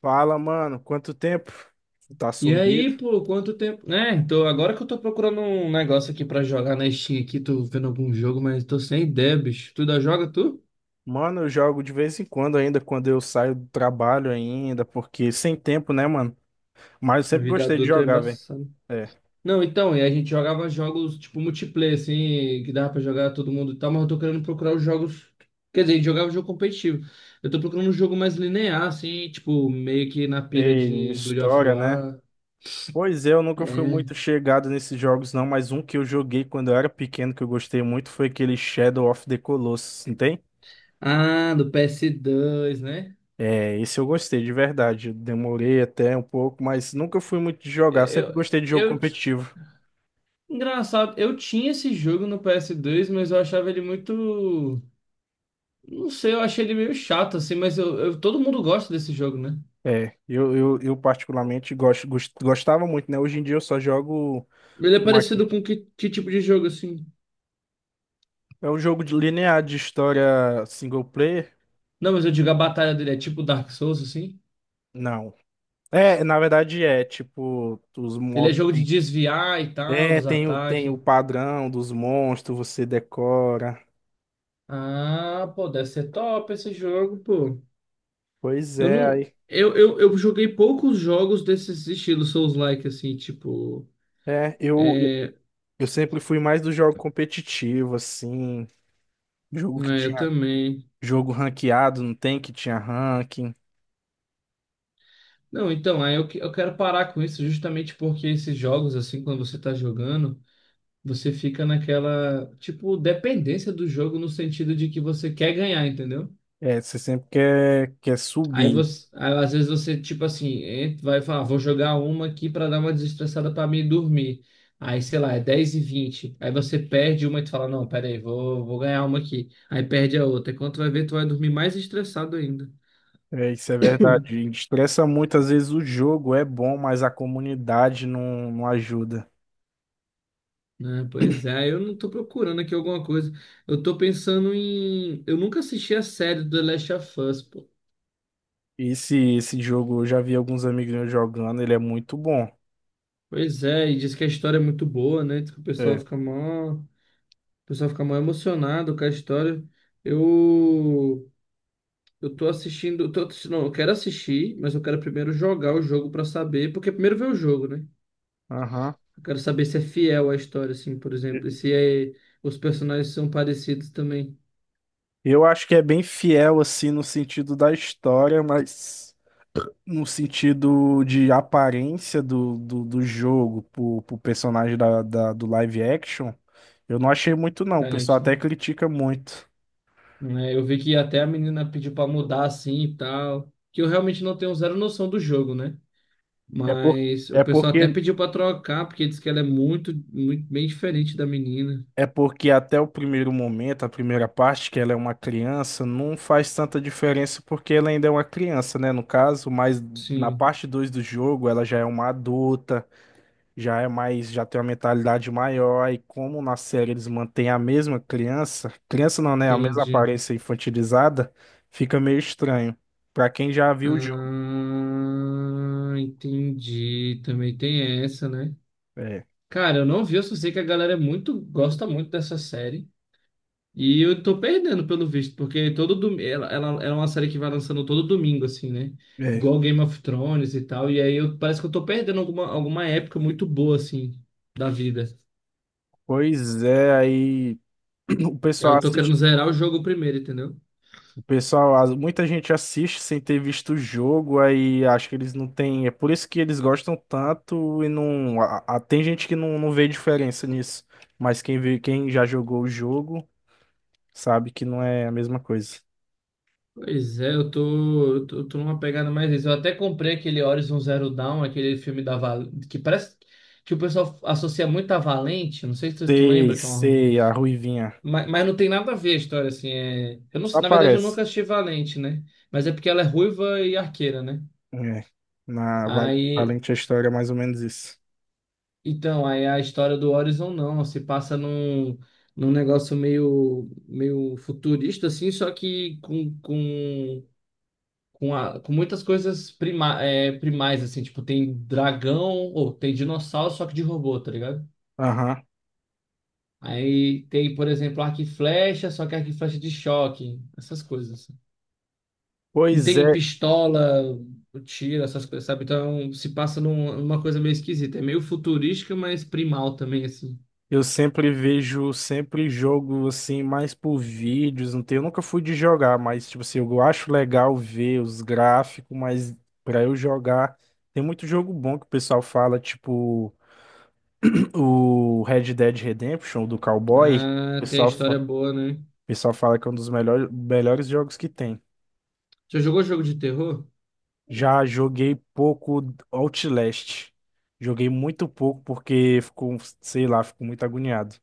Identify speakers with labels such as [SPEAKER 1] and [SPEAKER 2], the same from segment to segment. [SPEAKER 1] Fala, mano, quanto tempo? Tá
[SPEAKER 2] E
[SPEAKER 1] sumido?
[SPEAKER 2] aí, pô, quanto tempo, né? Então, agora que eu tô procurando um negócio aqui pra jogar na Steam aqui, tô vendo algum jogo, mas tô sem ideia, bicho. Tu ainda joga, tu?
[SPEAKER 1] Mano, eu jogo de vez em quando ainda, quando eu saio do trabalho ainda, porque sem tempo, né, mano? Mas eu
[SPEAKER 2] A
[SPEAKER 1] sempre
[SPEAKER 2] vida
[SPEAKER 1] gostei de
[SPEAKER 2] adulta é
[SPEAKER 1] jogar, velho.
[SPEAKER 2] embaçada.
[SPEAKER 1] É.
[SPEAKER 2] Não, então, e a gente jogava jogos tipo multiplayer, assim, que dava pra jogar todo mundo e tal, mas eu tô querendo procurar os jogos. Quer dizer, a gente jogava jogo competitivo. Eu tô procurando um jogo mais linear, assim, tipo, meio que na pira
[SPEAKER 1] Tem
[SPEAKER 2] de God of
[SPEAKER 1] história, né?
[SPEAKER 2] War.
[SPEAKER 1] Pois é, eu nunca fui
[SPEAKER 2] É.
[SPEAKER 1] muito chegado nesses jogos, não, mas um que eu joguei quando eu era pequeno, que eu gostei muito, foi aquele Shadow of the Colossus, não tem?
[SPEAKER 2] Ah, do PS dois, né?
[SPEAKER 1] É, esse eu gostei, de verdade. Eu demorei até um pouco, mas nunca fui muito de jogar, sempre
[SPEAKER 2] Eu,
[SPEAKER 1] gostei de jogo
[SPEAKER 2] eu,
[SPEAKER 1] competitivo.
[SPEAKER 2] engraçado, eu tinha esse jogo no PS2, mas eu achava ele muito. Não sei, eu achei ele meio chato, assim, mas todo mundo gosta desse jogo, né?
[SPEAKER 1] É, eu particularmente gosto, gostava muito, né? Hoje em dia eu só jogo
[SPEAKER 2] Ele é
[SPEAKER 1] Mac.
[SPEAKER 2] parecido com que tipo de jogo, assim?
[SPEAKER 1] É um jogo de linear de história single player?
[SPEAKER 2] Não, mas eu digo a batalha dele é tipo Dark Souls, assim?
[SPEAKER 1] Não. É, na verdade é, tipo, os
[SPEAKER 2] Ele é
[SPEAKER 1] mobs
[SPEAKER 2] jogo de
[SPEAKER 1] tem.
[SPEAKER 2] desviar e tal,
[SPEAKER 1] É,
[SPEAKER 2] dos
[SPEAKER 1] tem o, tem
[SPEAKER 2] ataques.
[SPEAKER 1] o padrão dos monstros, você decora.
[SPEAKER 2] Ah, pô, deve ser top esse jogo, pô.
[SPEAKER 1] Pois
[SPEAKER 2] Eu
[SPEAKER 1] é,
[SPEAKER 2] não.
[SPEAKER 1] aí.
[SPEAKER 2] Eu joguei poucos jogos desses estilos Souls-like, assim, tipo.
[SPEAKER 1] É, eu
[SPEAKER 2] É,
[SPEAKER 1] eu sempre fui mais do jogo competitivo, assim. Jogo que
[SPEAKER 2] é, eu
[SPEAKER 1] tinha.
[SPEAKER 2] também.
[SPEAKER 1] Jogo ranqueado, não tem que tinha ranking.
[SPEAKER 2] Não, então, aí eu quero parar com isso justamente porque esses jogos, assim, quando você tá jogando, você fica naquela, tipo, dependência do jogo no sentido de que você quer ganhar, entendeu?
[SPEAKER 1] É, você sempre quer, quer
[SPEAKER 2] Aí
[SPEAKER 1] subir.
[SPEAKER 2] você, aí, às vezes você, tipo assim, vai falar: "Ah, vou jogar uma aqui pra dar uma desestressada pra mim dormir." Aí, sei lá, é 10 e 20. Aí você perde uma e tu fala: não, pera aí, vou ganhar uma aqui. Aí perde a outra. E quando tu vai ver, tu vai dormir mais estressado ainda.
[SPEAKER 1] É, isso é verdade. Estressa muito, às vezes o jogo é bom, mas a comunidade não, não ajuda.
[SPEAKER 2] Né? Pois é, eu não tô procurando aqui alguma coisa. Eu tô pensando em... Eu nunca assisti a série do The Last of Us, pô.
[SPEAKER 1] Esse jogo, eu já vi alguns amigos meus jogando, ele é muito bom.
[SPEAKER 2] Pois é, e diz que a história é muito boa, né? Diz que o pessoal
[SPEAKER 1] É.
[SPEAKER 2] fica mó. O pessoal fica mó emocionado com a história. Eu. Eu tô assistindo. Não, eu quero assistir, mas eu quero primeiro jogar o jogo pra saber. Porque primeiro ver o jogo, né?
[SPEAKER 1] Aham.
[SPEAKER 2] Eu quero saber se é fiel à história, assim, por exemplo. E se é... os personagens são parecidos também.
[SPEAKER 1] Eu acho que é bem fiel, assim, no sentido da história, mas no sentido de aparência do jogo pro personagem do live action, eu não achei muito, não. O pessoal
[SPEAKER 2] Diferente, né?
[SPEAKER 1] até critica muito.
[SPEAKER 2] Né? Eu vi que até a menina pediu pra mudar assim e tal, que eu realmente não tenho zero noção do jogo, né?
[SPEAKER 1] É, por,
[SPEAKER 2] Mas o
[SPEAKER 1] é
[SPEAKER 2] pessoal até
[SPEAKER 1] porque
[SPEAKER 2] pediu pra trocar, porque diz que ela é muito, muito bem diferente da menina.
[SPEAKER 1] É porque até o primeiro momento, a primeira parte, que ela é uma criança, não faz tanta diferença porque ela ainda é uma criança, né? No caso, mas na
[SPEAKER 2] Sim,
[SPEAKER 1] parte 2 do jogo, ela já é uma adulta, já é mais, já tem uma mentalidade maior, e como na série eles mantêm a mesma criança, criança não, né? A mesma
[SPEAKER 2] entendi.
[SPEAKER 1] aparência infantilizada, fica meio estranho. Pra quem já viu o jogo.
[SPEAKER 2] Ah, entendi. Também tem essa, né?
[SPEAKER 1] É,
[SPEAKER 2] Cara, eu não vi, eu só sei que a galera é muito, gosta muito dessa série. E eu tô perdendo, pelo visto, porque todo domingo... é uma série que vai lançando todo domingo, assim, né?
[SPEAKER 1] é.
[SPEAKER 2] Igual Game of Thrones e tal. E aí eu, parece que eu tô perdendo alguma época muito boa, assim, da vida.
[SPEAKER 1] Pois é, aí o
[SPEAKER 2] Aí
[SPEAKER 1] pessoal
[SPEAKER 2] eu tô querendo
[SPEAKER 1] assiste.
[SPEAKER 2] zerar o jogo primeiro, entendeu?
[SPEAKER 1] Pessoal, muita gente assiste sem ter visto o jogo, aí acho que eles não têm. É por isso que eles gostam tanto e não. Tem gente que não, não vê diferença nisso. Mas quem vê, quem já jogou o jogo sabe que não é a mesma coisa.
[SPEAKER 2] Pois é, eu tô numa pegada mais isso. Eu até comprei aquele Horizon Zero Dawn, aquele filme da Val... que parece que o pessoal associa muito a Valente. Não sei se tu
[SPEAKER 1] Sei,
[SPEAKER 2] lembra, que é uma...
[SPEAKER 1] sei, a Ruivinha.
[SPEAKER 2] Mas não tem nada a ver a história, assim. É... eu não,
[SPEAKER 1] Só
[SPEAKER 2] na verdade, eu
[SPEAKER 1] aparece.
[SPEAKER 2] nunca assisti Valente, né? Mas é porque ela é ruiva e arqueira, né?
[SPEAKER 1] É. Na
[SPEAKER 2] Aí,
[SPEAKER 1] Valente a história é mais ou menos isso.
[SPEAKER 2] então, aí a história do Horizon não, se passa num... num negócio meio, meio futurista, assim, só que com muitas coisas prima, primais, assim, tipo, tem dragão, ou tem dinossauro, só que de robô, tá ligado?
[SPEAKER 1] Aham.
[SPEAKER 2] Aí tem, por exemplo, arco e flecha, só que arco e flecha de choque, essas coisas. Não
[SPEAKER 1] Pois
[SPEAKER 2] tem
[SPEAKER 1] é.
[SPEAKER 2] pistola, tiro, essas coisas, sabe? Então se passa numa coisa meio esquisita. É meio futurística, mas primal também, assim.
[SPEAKER 1] Eu sempre vejo, sempre jogo assim, mais por vídeos, não tem, eu nunca fui de jogar, mas tipo assim, eu acho legal ver os gráficos, mas pra eu jogar, tem muito jogo bom que o pessoal fala, tipo o Red Dead Redemption do Cowboy, o
[SPEAKER 2] Ah, tem a
[SPEAKER 1] pessoal,
[SPEAKER 2] história
[SPEAKER 1] o
[SPEAKER 2] boa, né?
[SPEAKER 1] pessoal fala que é um dos melhores, melhores jogos que tem.
[SPEAKER 2] Já jogou jogo de terror?
[SPEAKER 1] Já joguei pouco Outlast, joguei muito pouco porque ficou, sei lá, fico muito agoniado.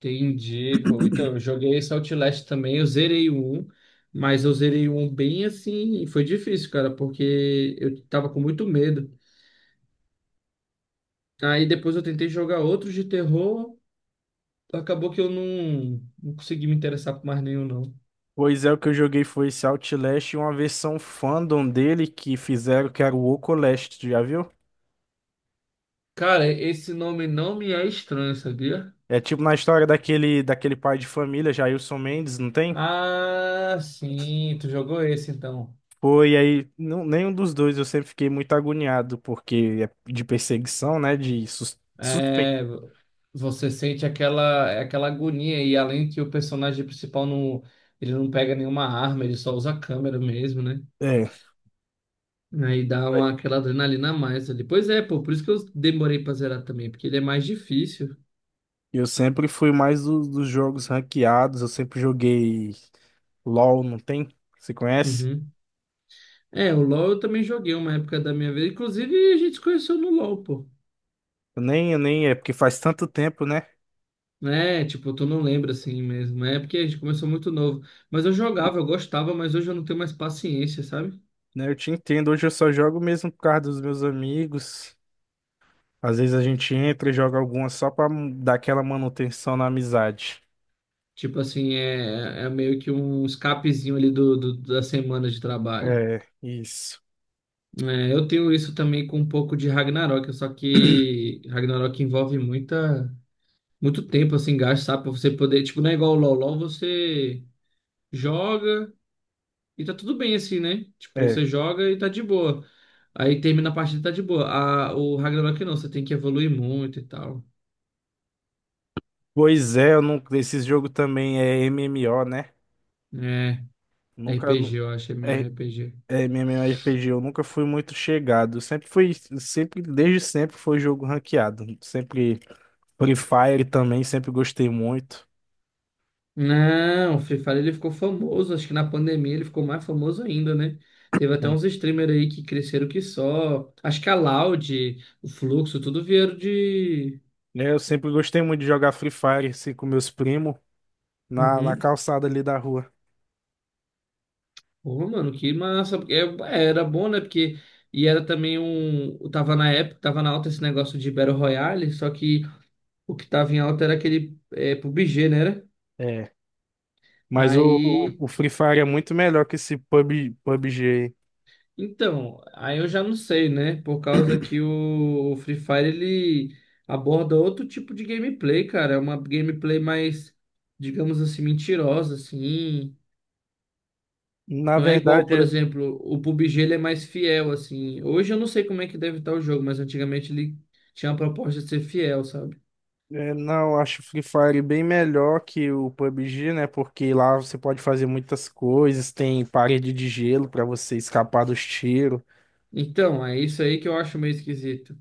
[SPEAKER 2] Entendi, pô. Então, eu joguei esse Outlast também, eu zerei o 1, mas eu zerei o 1 bem assim, e foi difícil, cara, porque eu tava com muito medo. Aí depois eu tentei jogar outros de terror, acabou que eu não, não consegui me interessar por mais nenhum, não.
[SPEAKER 1] Pois é, o que eu joguei foi esse Outlast e uma versão fandom dele que fizeram que era o Ocolast, tu já viu?
[SPEAKER 2] Cara, esse nome não me é estranho, sabia?
[SPEAKER 1] É tipo na história daquele pai de família, Jailson Mendes, não tem?
[SPEAKER 2] Ah, sim, tu jogou esse então.
[SPEAKER 1] Foi aí, não, nenhum dos dois eu sempre fiquei muito agoniado, porque é de perseguição, né? De suspense.
[SPEAKER 2] É, você sente aquela... é aquela agonia, e além que o personagem principal não, ele não pega nenhuma arma, ele só usa a câmera mesmo, né?
[SPEAKER 1] É,
[SPEAKER 2] Aí dá uma, aquela adrenalina a mais ali. Pois é, pô, por isso que eu demorei pra zerar também, porque ele é mais difícil.
[SPEAKER 1] eu sempre fui mais dos jogos ranqueados, eu sempre joguei LOL, não tem? Você conhece?
[SPEAKER 2] Uhum. É, o LoL eu também joguei uma época da minha vida. Inclusive, a gente se conheceu no LoL, pô.
[SPEAKER 1] Eu nem, é porque faz tanto tempo, né?
[SPEAKER 2] É, tipo, tu não lembra assim mesmo. É porque a gente começou muito novo. Mas eu jogava, eu gostava, mas hoje eu não tenho mais paciência, sabe?
[SPEAKER 1] Né, eu te entendo. Hoje eu só jogo mesmo por causa dos meus amigos. Às vezes a gente entra e joga alguma só pra dar aquela manutenção na amizade.
[SPEAKER 2] Tipo assim, é, é meio que um escapezinho ali da semana de trabalho.
[SPEAKER 1] É, isso.
[SPEAKER 2] É, eu tenho isso também com um pouco de Ragnarok, só que Ragnarok envolve muito tempo assim, gasto, sabe? Pra você poder, tipo, não é igual o LoL. LoL você joga e tá tudo bem assim, né? Tipo,
[SPEAKER 1] É.
[SPEAKER 2] você joga e tá de boa. Aí termina a partida e tá de boa. O Ragnarok não, você tem que evoluir muito e tal.
[SPEAKER 1] Pois é, eu nunca, esse jogo também é MMO, né?
[SPEAKER 2] É,
[SPEAKER 1] Nunca.
[SPEAKER 2] RPG,
[SPEAKER 1] Nu-
[SPEAKER 2] eu acho, é
[SPEAKER 1] É,
[SPEAKER 2] MMORPG.
[SPEAKER 1] é MMORPG, eu nunca fui muito chegado. Sempre fui, sempre, desde sempre foi jogo ranqueado. Sempre Free Fire também, sempre gostei muito.
[SPEAKER 2] Não, o Free Fire ele ficou famoso, acho que na pandemia ele ficou mais famoso ainda, né? Teve até
[SPEAKER 1] Né?
[SPEAKER 2] uns streamers aí que cresceram que só. Acho que a Loud, o Fluxo, tudo vieram de...
[SPEAKER 1] Eu sempre gostei muito de jogar Free Fire assim, com meus primos na
[SPEAKER 2] Uhum.
[SPEAKER 1] calçada ali da rua.
[SPEAKER 2] Porra, mano, que massa. Porque era bom, né? Porque... E era também um... Tava na época, tava na alta esse negócio de Battle Royale, só que o que tava em alta era aquele, PUBG, né?
[SPEAKER 1] É, mas o, o
[SPEAKER 2] Aí,
[SPEAKER 1] o Free Fire é muito melhor que esse PUB, PUBG. Aí.
[SPEAKER 2] então, aí eu já não sei, né? Por causa que o Free Fire ele aborda outro tipo de gameplay, cara. É uma gameplay mais, digamos assim, mentirosa, assim.
[SPEAKER 1] Na
[SPEAKER 2] Não é igual, por
[SPEAKER 1] verdade,
[SPEAKER 2] exemplo, o PUBG ele é mais fiel, assim. Hoje eu não sei como é que deve estar o jogo, mas antigamente ele tinha a proposta de ser fiel, sabe?
[SPEAKER 1] não, eu acho o Free Fire bem melhor que o PUBG, né? Porque lá você pode fazer muitas coisas, tem parede de gelo pra você escapar dos tiros.
[SPEAKER 2] Então, é isso aí que eu acho meio esquisito.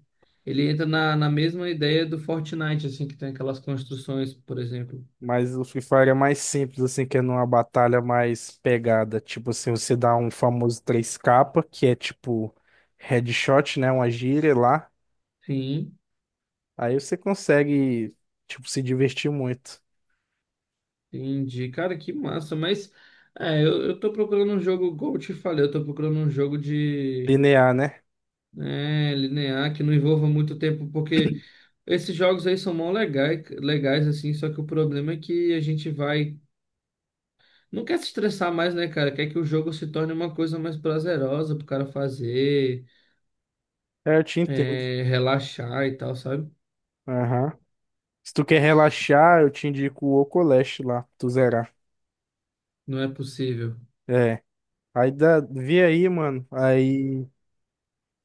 [SPEAKER 2] Ele entra na mesma ideia do Fortnite, assim, que tem aquelas construções, por exemplo.
[SPEAKER 1] Mas o Free Fire é mais simples, assim, que é numa batalha mais pegada. Tipo assim, você dá um famoso 3K que é tipo headshot, né? Uma gíria lá.
[SPEAKER 2] Sim.
[SPEAKER 1] Aí você consegue, tipo, se divertir muito.
[SPEAKER 2] Entendi, cara, que massa, mas é, eu tô procurando um jogo, como eu te falei, eu tô procurando um jogo de,
[SPEAKER 1] Linear, né?
[SPEAKER 2] né, linear, que não envolva muito tempo, porque esses jogos aí são mó legais, legais, assim, só que o problema é que a gente vai, não quer se estressar mais, né, cara, quer que o jogo se torne uma coisa mais prazerosa pro cara fazer,
[SPEAKER 1] É, eu te entendo.
[SPEAKER 2] relaxar e tal, sabe?
[SPEAKER 1] Aham. Se tu quer relaxar, eu te indico o Ocoleste lá, tu zerar.
[SPEAKER 2] Não é possível.
[SPEAKER 1] É. Aí dá, vê aí, mano. Aí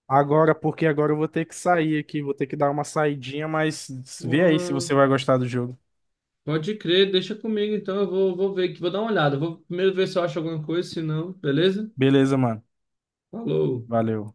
[SPEAKER 1] agora, porque agora eu vou ter que sair aqui, vou ter que dar uma saidinha, mas vê aí se
[SPEAKER 2] Ué,
[SPEAKER 1] você vai gostar do jogo.
[SPEAKER 2] pode crer, deixa comigo então, eu vou ver aqui, vou dar uma olhada, vou primeiro ver se eu acho alguma coisa, se não, beleza?
[SPEAKER 1] Beleza, mano.
[SPEAKER 2] Falou.
[SPEAKER 1] Valeu.